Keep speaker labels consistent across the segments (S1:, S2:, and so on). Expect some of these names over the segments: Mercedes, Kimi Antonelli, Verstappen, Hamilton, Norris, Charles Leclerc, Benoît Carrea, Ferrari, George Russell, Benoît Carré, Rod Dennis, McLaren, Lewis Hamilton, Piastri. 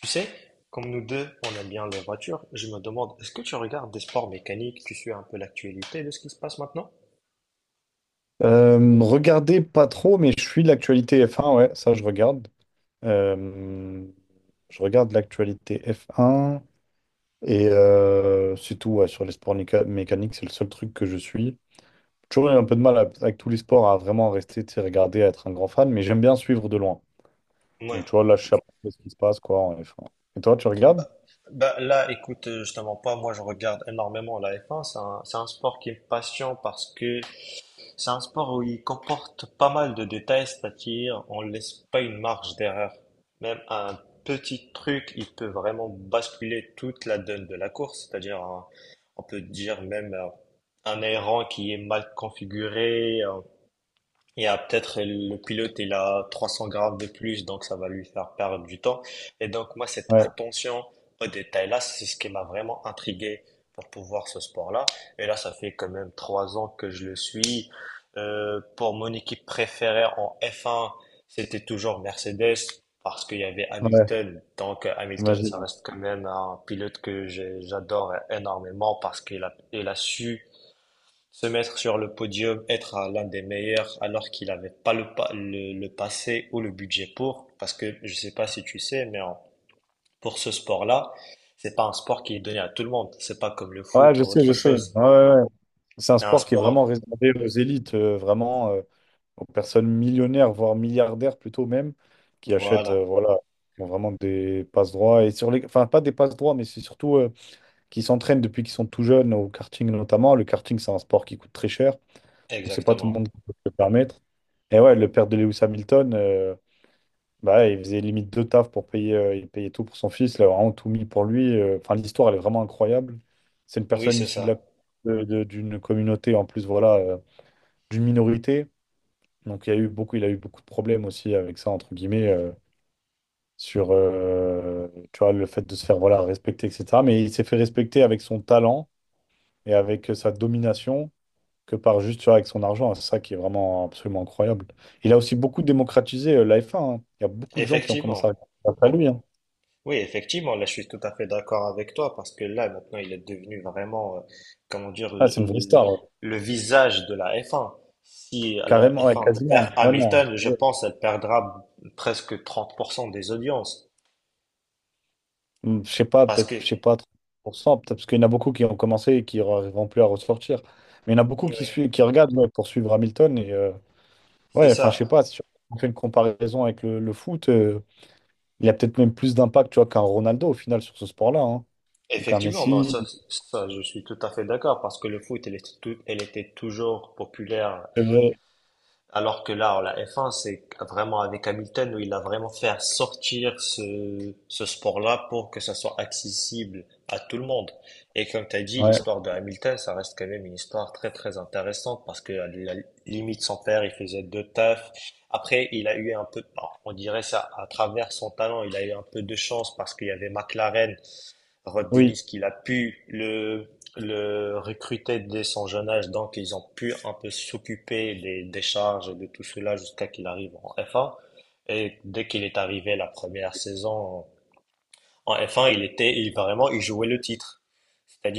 S1: Tu sais, comme nous deux, on aime bien les voitures, je me demande, est-ce que tu regardes des sports mécaniques, tu suis un peu l'actualité de ce qui se passe maintenant?
S2: Regardez pas trop, mais je suis de l'actualité F1, ouais, ça je regarde. Euh, je regarde l'actualité F1 et c'est tout, ouais, sur les sports mécaniques, c'est le seul truc que je suis. J'ai toujours eu un peu de mal avec tous les sports à vraiment rester, tu sais, regarder, à être un grand fan, mais j'aime bien suivre de loin.
S1: Ouais.
S2: Donc tu vois, là je sais à peu près ce qui se passe quoi en F1. Et toi, tu
S1: Bah,
S2: regardes?
S1: bah, là, écoute, je te mens pas, moi je regarde énormément la F1, c'est un sport qui me passionne parce que c'est un sport où il comporte pas mal de détails, c'est-à-dire on laisse pas une marge d'erreur. Même un petit truc, il peut vraiment basculer toute la donne de la course, on peut dire même un aileron qui est mal configuré, il y a peut-être le pilote, il a 300 grammes de plus, donc ça va lui faire perdre du temps. Et donc, moi, cette
S2: Ouais,
S1: attention aux détails-là, c'est ce qui m'a vraiment intrigué pour pouvoir ce sport-là. Et là, ça fait quand même 3 ans que je le suis. Pour mon équipe préférée en F1, c'était toujours Mercedes parce qu'il y avait
S2: ouais,
S1: Hamilton. Donc, Hamilton,
S2: j'imagine.
S1: ça reste quand même un pilote que j'adore énormément parce qu'il a su se mettre sur le podium, être à l'un des meilleurs alors qu'il n'avait pas le passé ou le budget pour, parce que je sais pas si tu sais, mais pour ce sport-là, c'est pas un sport qui est donné à tout le monde. C'est pas comme le foot
S2: Ouais,
S1: ou
S2: je sais, je
S1: autre
S2: sais.
S1: chose.
S2: Ouais, ouais, ouais. C'est un
S1: C'est un
S2: sport qui est vraiment
S1: sport.
S2: réservé aux élites, vraiment. Aux personnes millionnaires, voire milliardaires plutôt même, qui achètent
S1: Voilà,
S2: voilà, qui ont vraiment des passe-droits. Enfin, pas des passe-droits, mais c'est surtout qui s'entraînent depuis qu'ils sont tout jeunes, au karting notamment. Le karting, c'est un sport qui coûte très cher, donc c'est pas tout le monde
S1: exactement.
S2: qui peut se le permettre. Et ouais, le père de Lewis Hamilton, bah, ouais, il faisait limite deux tafs pour payer, il payait tout pour son fils, il a vraiment tout mis pour lui. Enfin, l'histoire, elle est vraiment incroyable. C'est une
S1: Oui,
S2: personne
S1: c'est
S2: issue de la,
S1: ça.
S2: de- d'une communauté, en plus, voilà, d'une minorité. Donc il a eu beaucoup de problèmes aussi avec ça, entre guillemets, sur tu vois, le fait de se faire voilà, respecter, etc. Mais il s'est fait respecter avec son talent et avec sa domination que par juste tu vois, avec son argent. C'est ça qui est vraiment absolument incroyable. Il a aussi beaucoup démocratisé la F1, hein. Il y a beaucoup de gens qui ont commencé à
S1: Effectivement.
S2: regarder à lui, hein.
S1: Oui, effectivement, là je suis tout à fait d'accord avec toi parce que là maintenant il est devenu vraiment, comment dire,
S2: Ah, c'est une vraie star, ouais.
S1: le visage de la F1. Si la
S2: Carrément, ouais,
S1: F1 perd
S2: quasiment. Ouais, non.
S1: Hamilton, je pense elle perdra presque 30% des audiences
S2: Je sais pas,
S1: parce
S2: peut-être,
S1: que,
S2: je sais pas, 30% peut-être parce qu'il y en a beaucoup qui ont commencé et qui n'arriveront plus à ressortir. Mais il y en a beaucoup qui,
S1: oui,
S2: suivent, qui regardent ouais, pour suivre Hamilton.
S1: c'est
S2: Ouais, enfin, je sais
S1: ça.
S2: pas, si on fait une comparaison avec le foot, il y a peut-être même plus d'impact, tu vois, qu'un Ronaldo au final sur ce sport-là, hein. Ou qu'un
S1: Effectivement, non,
S2: Messi.
S1: ça je suis tout à fait d'accord parce que le foot elle était, elle était toujours populaire.
S2: C'est vrai.
S1: Alors que là, la F1, c'est vraiment avec Hamilton où il a vraiment fait sortir ce sport-là pour que ça soit accessible à tout le monde. Et comme tu as dit,
S2: Ouais,
S1: l'histoire de Hamilton, ça reste quand même une histoire très très intéressante parce que à la limite, son père, il faisait deux tafs. Après, il a eu un peu, bon, on dirait ça, à travers son talent, il a eu un peu de chance parce qu'il y avait McLaren Rod
S2: oui.
S1: Dennis qu'il a pu le recruter dès son jeune âge, donc ils ont pu un peu s'occuper des charges et de tout cela jusqu'à qu'il arrive en F1. Et dès qu'il est arrivé la première saison, en F1, il était, il vraiment, il jouait le titre.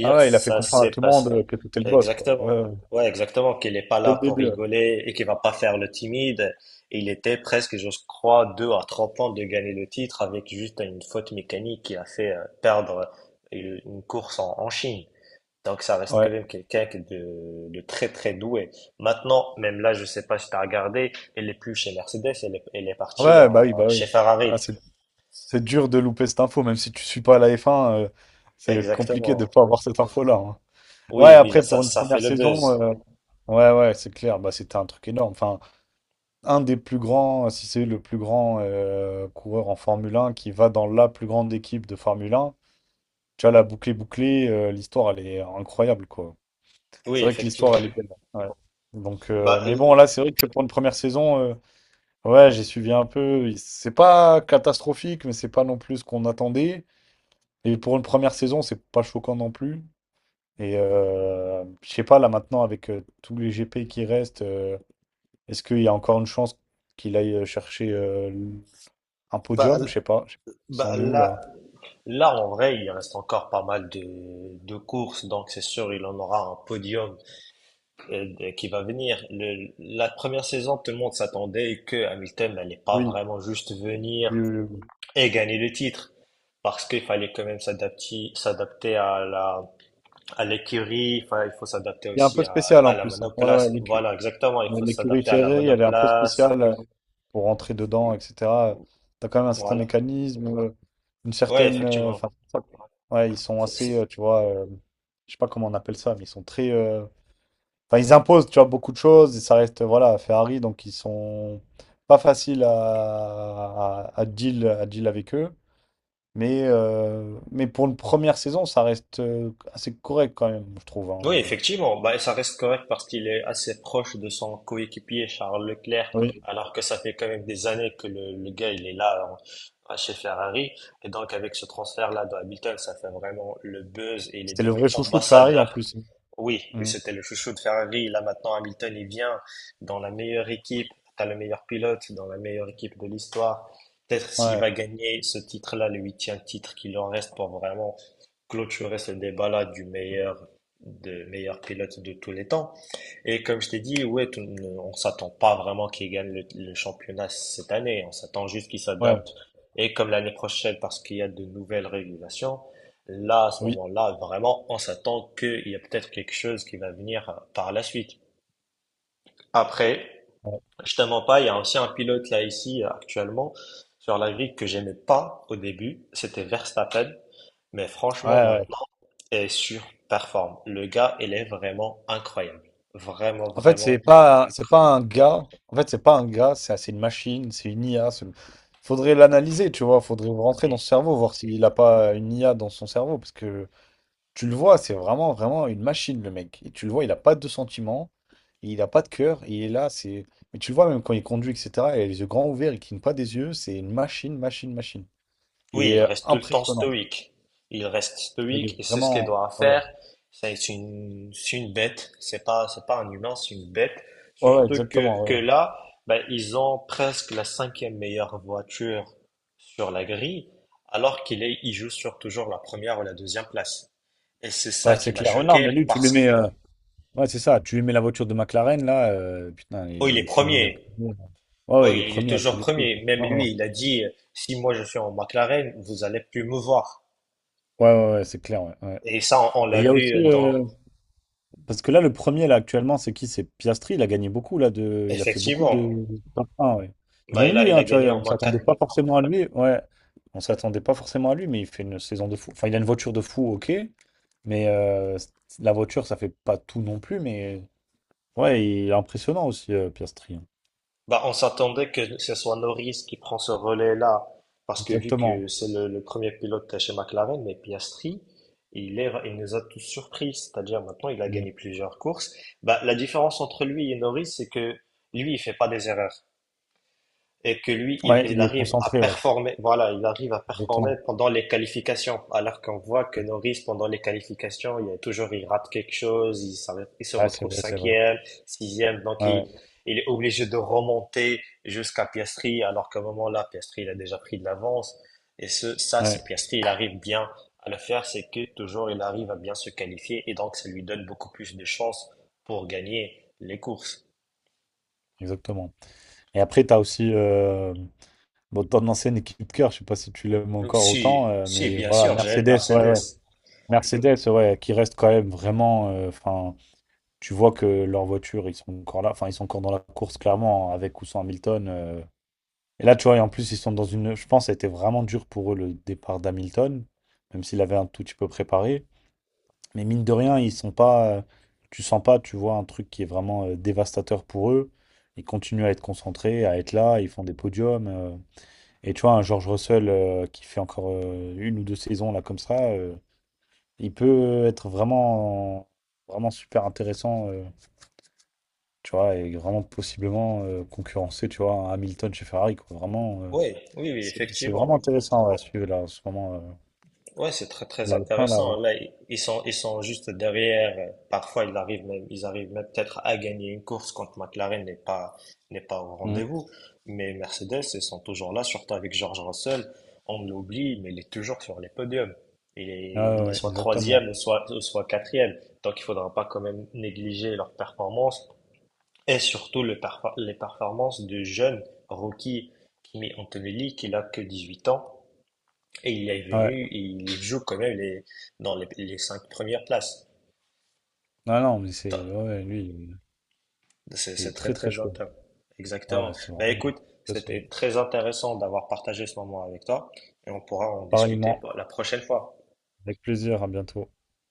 S2: Ah ouais, il a fait
S1: ça
S2: comprendre à
S1: s'est
S2: tout le monde
S1: passé.
S2: que t'étais le boss, quoi. Ouais,
S1: Exactement.
S2: ouais,
S1: Ouais, exactement. Qu'il n'est pas
S2: dès
S1: là
S2: le
S1: pour
S2: début. Ouais,
S1: rigoler et qu'il va pas faire le timide. Et il était presque, je crois, deux à trois points de gagner le titre avec juste une faute mécanique qui a fait perdre une course en Chine. Donc ça reste quand
S2: ouais,
S1: même quelqu'un qui est de très très doué. Maintenant, même là, je sais pas si tu as regardé, elle est plus chez Mercedes, elle est partie
S2: ouais, bah oui, bah oui.
S1: chez Ferrari.
S2: Ah, c'est dur de louper cette info, même si tu suis pas à la F1, c'est compliqué de
S1: Exactement.
S2: pas avoir cette info-là, hein. Ouais,
S1: Oui, oui, là,
S2: après, pour
S1: ça,
S2: une
S1: ça fait
S2: première
S1: le
S2: saison,
S1: buzz.
S2: ouais, ouais, c'est clair, bah c'était un truc énorme. Enfin, un des plus grands, si c'est le plus grand coureur en Formule 1 qui va dans la plus grande équipe de Formule 1, tu vois, la bouclée bouclée, l'histoire, elle est incroyable, quoi.
S1: Oui,
S2: C'est vrai que
S1: effectivement.
S2: l'histoire, elle est belle, ouais.
S1: Bah,
S2: Mais bon,
S1: l-
S2: là, c'est vrai que pour une première saison, ouais, j'ai suivi un peu. C'est pas catastrophique, mais c'est pas non plus ce qu'on attendait. Et pour une première saison, c'est pas choquant non plus. Et je sais pas, là maintenant, avec tous les GP qui restent, est-ce qu'il y a encore une chance qu'il aille chercher un
S1: bah,
S2: podium,
S1: l-
S2: je sais pas. Je sais pas. Ça
S1: bah,
S2: en est où
S1: là,
S2: là?
S1: là, en vrai, il reste encore pas mal de courses, donc c'est sûr, il en aura un podium, qui va venir. La première saison, tout le monde s'attendait que Hamilton n'allait pas
S2: Oui,
S1: vraiment juste
S2: oui,
S1: venir
S2: oui, oui.
S1: et gagner le titre, parce qu'il fallait quand même s'adapter, s'adapter à l'écurie, il faut s'adapter
S2: Il est un
S1: aussi
S2: peu
S1: à,
S2: spécial
S1: à
S2: en
S1: la
S2: plus, hein. Ouais,
S1: monoplace.
S2: ouais,
S1: Voilà, exactement, il
S2: ouais,
S1: faut
S2: l'écurie
S1: s'adapter à la
S2: Ferrari, elle est un peu
S1: monoplace.
S2: spéciale pour rentrer dedans, etc. T'as quand même un certain
S1: Voilà.
S2: mécanisme, une
S1: Ouais,
S2: certaine.
S1: effectivement.
S2: Enfin, ça, quoi. Ouais, ils sont
S1: C'est-
S2: assez,
S1: c'est-
S2: tu vois, je sais pas comment on appelle ça, mais ils sont très. Enfin, ils imposent, tu vois, beaucoup de choses et ça reste, voilà, Ferrari, donc ils sont pas faciles à deal avec eux. Mais pour une première saison, ça reste assez correct quand même, je trouve,
S1: Oui,
S2: hein.
S1: effectivement. Bah, ça reste correct parce qu'il est assez proche de son coéquipier Charles Leclerc,
S2: Oui.
S1: alors que ça fait quand même des années que le gars il est là hein, chez Ferrari. Et donc avec ce transfert-là de Hamilton, ça fait vraiment le buzz et il est
S2: C'était le
S1: devenu
S2: vrai chouchou de Ferrari en
S1: ambassadeur.
S2: plus.
S1: Oui,
S2: Mm.
S1: c'était le chouchou de Ferrari. Là maintenant, Hamilton il vient dans la meilleure équipe, t'as le meilleur pilote, dans la meilleure équipe de l'histoire. Peut-être s'il
S2: Ouais,
S1: va gagner ce titre-là, le huitième titre qu'il en reste pour vraiment clôturer ce débat-là du meilleur de meilleur pilote de tous les temps. Et comme je t'ai dit, ouais, on s'attend pas vraiment qu'il gagne le championnat cette année. On s'attend juste qu'il
S2: ouais,
S1: s'adapte. Et comme l'année prochaine, parce qu'il y a de nouvelles régulations, là, à ce
S2: oui.
S1: moment-là, vraiment, on s'attend qu'il y a peut-être quelque chose qui va venir par la suite. Après,
S2: Ouais,
S1: je te mens pas, il y a aussi un pilote là ici actuellement sur la grille que j'aimais pas au début, c'était Verstappen, mais
S2: ouais,
S1: franchement
S2: ouais.
S1: maintenant, il surperforme. Le gars, il est vraiment incroyable. Vraiment,
S2: En fait, c'est
S1: vraiment
S2: pas, c'est pas
S1: incroyable.
S2: un gars. En fait, c'est pas un gars, c'est une machine, c'est une IA. Faudrait l'analyser, tu vois. Faudrait rentrer
S1: Mm.
S2: dans son cerveau, voir s'il a pas une IA dans son cerveau, parce que tu le vois, c'est vraiment, vraiment une machine, le mec. Et tu le vois, il n'a pas de sentiments, il n'a pas de cœur, il est là, Mais tu le vois même quand il conduit, etc., il a les yeux grands ouverts, il cligne pas des yeux, c'est une machine, machine, machine. Il
S1: Oui,
S2: est
S1: il reste tout le temps
S2: impressionnant.
S1: stoïque. Il reste stoïque et c'est ce qu'il doit
S2: Ouais, ouais,
S1: faire. C'est une bête. C'est pas un humain, c'est une bête.
S2: ouais, ouais,
S1: Surtout que,
S2: exactement.
S1: que
S2: Ouais, ouais.
S1: là, ben, ils ont presque la cinquième meilleure voiture sur la grille, alors qu'il joue sur toujours la première ou la deuxième place. Et c'est ça
S2: Ouais,
S1: qui
S2: c'est
S1: m'a
S2: clair. Ouais, non,
S1: choqué
S2: mais lui,
S1: parce que,
S2: ouais, c'est ça, tu lui mets la voiture de McLaren, là, putain,
S1: oh, il
S2: il
S1: est
S2: est fini.
S1: premier.
S2: Premier. Ouais,
S1: Oh,
S2: ouais, il est
S1: il est
S2: premier à tous
S1: toujours
S2: les trucs.
S1: premier. Même
S2: Ouais, ouais,
S1: lui, il a dit, si moi je suis en McLaren, vous allez plus me voir.
S2: ouais, ouais, ouais, c'est clair, ouais, ouais.
S1: Et ça, on
S2: Et il
S1: l'a
S2: y a
S1: vu
S2: aussi...
S1: dans,
S2: Parce que là, le premier, là, actuellement, c'est qui? C'est Piastri. Il a fait beaucoup de.
S1: effectivement.
S2: de top 1, ouais. Et
S1: Bah,
S2: même
S1: il a,
S2: lui,
S1: il
S2: hein,
S1: a
S2: tu vois,
S1: gagné au
S2: on
S1: moins
S2: s'attendait
S1: quatre.
S2: pas forcément à lui. Ouais, on s'attendait pas forcément à lui, mais il fait une saison de fou. Enfin, il a une voiture de fou, ok. Mais la voiture, ça fait pas tout non plus. Mais ouais, il est impressionnant aussi, Piastri, hein.
S1: Bah, on s'attendait que ce soit Norris qui prend ce relais-là, parce que vu
S2: Exactement.
S1: que c'est le premier pilote chez McLaren, mais Piastri, il nous a tous surpris. C'est-à-dire maintenant, il a
S2: Ouais,
S1: gagné plusieurs courses. Bah, la différence entre lui et Norris, c'est que lui, il fait pas des erreurs. Et que lui, il,
S2: Ouais,
S1: il
S2: il est
S1: arrive à
S2: concentré, ouais.
S1: performer. Voilà, il arrive à performer
S2: Exactement.
S1: pendant les qualifications. Alors qu'on voit que Norris, pendant les qualifications, il y a toujours, il rate quelque chose, il se
S2: Ouais, c'est
S1: retrouve
S2: vrai, c'est vrai.
S1: cinquième, sixième, donc il,
S2: Ouais,
S1: il est obligé de remonter jusqu'à Piastri, alors qu'à un moment-là, Piastri, il a déjà pris de l'avance. Ça, si
S2: ouais,
S1: Piastri, il arrive bien à le faire, c'est que toujours, il arrive à bien se qualifier et donc ça lui donne beaucoup plus de chances pour gagner les courses.
S2: exactement. Et après, tu as aussi bon, ton ancienne équipe cœur, je sais pas si tu l'aimes
S1: Donc,
S2: encore autant,
S1: si, si,
S2: mais
S1: bien
S2: voilà,
S1: sûr, j'aime
S2: Mercedes, ouais, ouais.
S1: Mercedes.
S2: Mercedes, ouais, qui reste quand même vraiment. Enfin, tu vois que leurs voitures, ils sont encore là. Enfin, ils sont encore dans la course, clairement, avec ou sans Hamilton. Et là, tu vois, et en plus, ils sont dans une. Je pense que ça a été vraiment dur pour eux le départ d'Hamilton, même s'il avait un tout petit peu préparé. Mais mine de rien, ils sont pas. Tu sens pas, tu vois, un truc qui est vraiment dévastateur pour eux. Ils continuent à être concentrés, à être là, ils font des podiums. Et tu vois, un George Russell qui fait encore une ou deux saisons là comme ça, il peut être vraiment, vraiment super intéressant, tu vois, et vraiment possiblement concurrencer, tu vois, un Hamilton chez Ferrari, quoi. Vraiment,
S1: Oui, oui, oui,
S2: c'est vraiment
S1: effectivement.
S2: intéressant ouais, à suivre là en ce moment.
S1: Ouais, c'est très très
S2: La F1, là,
S1: intéressant.
S2: ouais.
S1: Là, ils sont juste derrière. Parfois, ils arrivent même peut-être à gagner une course quand McLaren n'est pas au
S2: Mm.
S1: rendez-vous. Mais Mercedes, ils sont toujours là, surtout avec George Russell. On l'oublie, mais il est toujours sur les podiums. Il
S2: Ouais,
S1: est,
S2: ouais,
S1: il est
S2: ouais,
S1: soit
S2: exactement.
S1: troisième, ou soit quatrième. Donc, il faudra pas quand même négliger leurs performances et surtout les performances du jeune rookie Kimi Antonelli qui n'a que 18 ans. Et il est
S2: Ouais,
S1: venu, et il joue quand même dans les cinq premières places.
S2: non, non, mais c'est,
S1: Top.
S2: ouais, ouais, lui, il est
S1: C'est
S2: il
S1: c'est
S2: est
S1: très
S2: très très
S1: très
S2: chaud.
S1: intéressant.
S2: Ouais,
S1: Exactement.
S2: c'est
S1: Bah
S2: vraiment bon.
S1: écoute, c'était très intéressant d'avoir partagé ce moment avec toi et on pourra en discuter
S2: Pareillement,
S1: pour la prochaine fois.
S2: avec plaisir, à bientôt.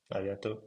S1: À bientôt.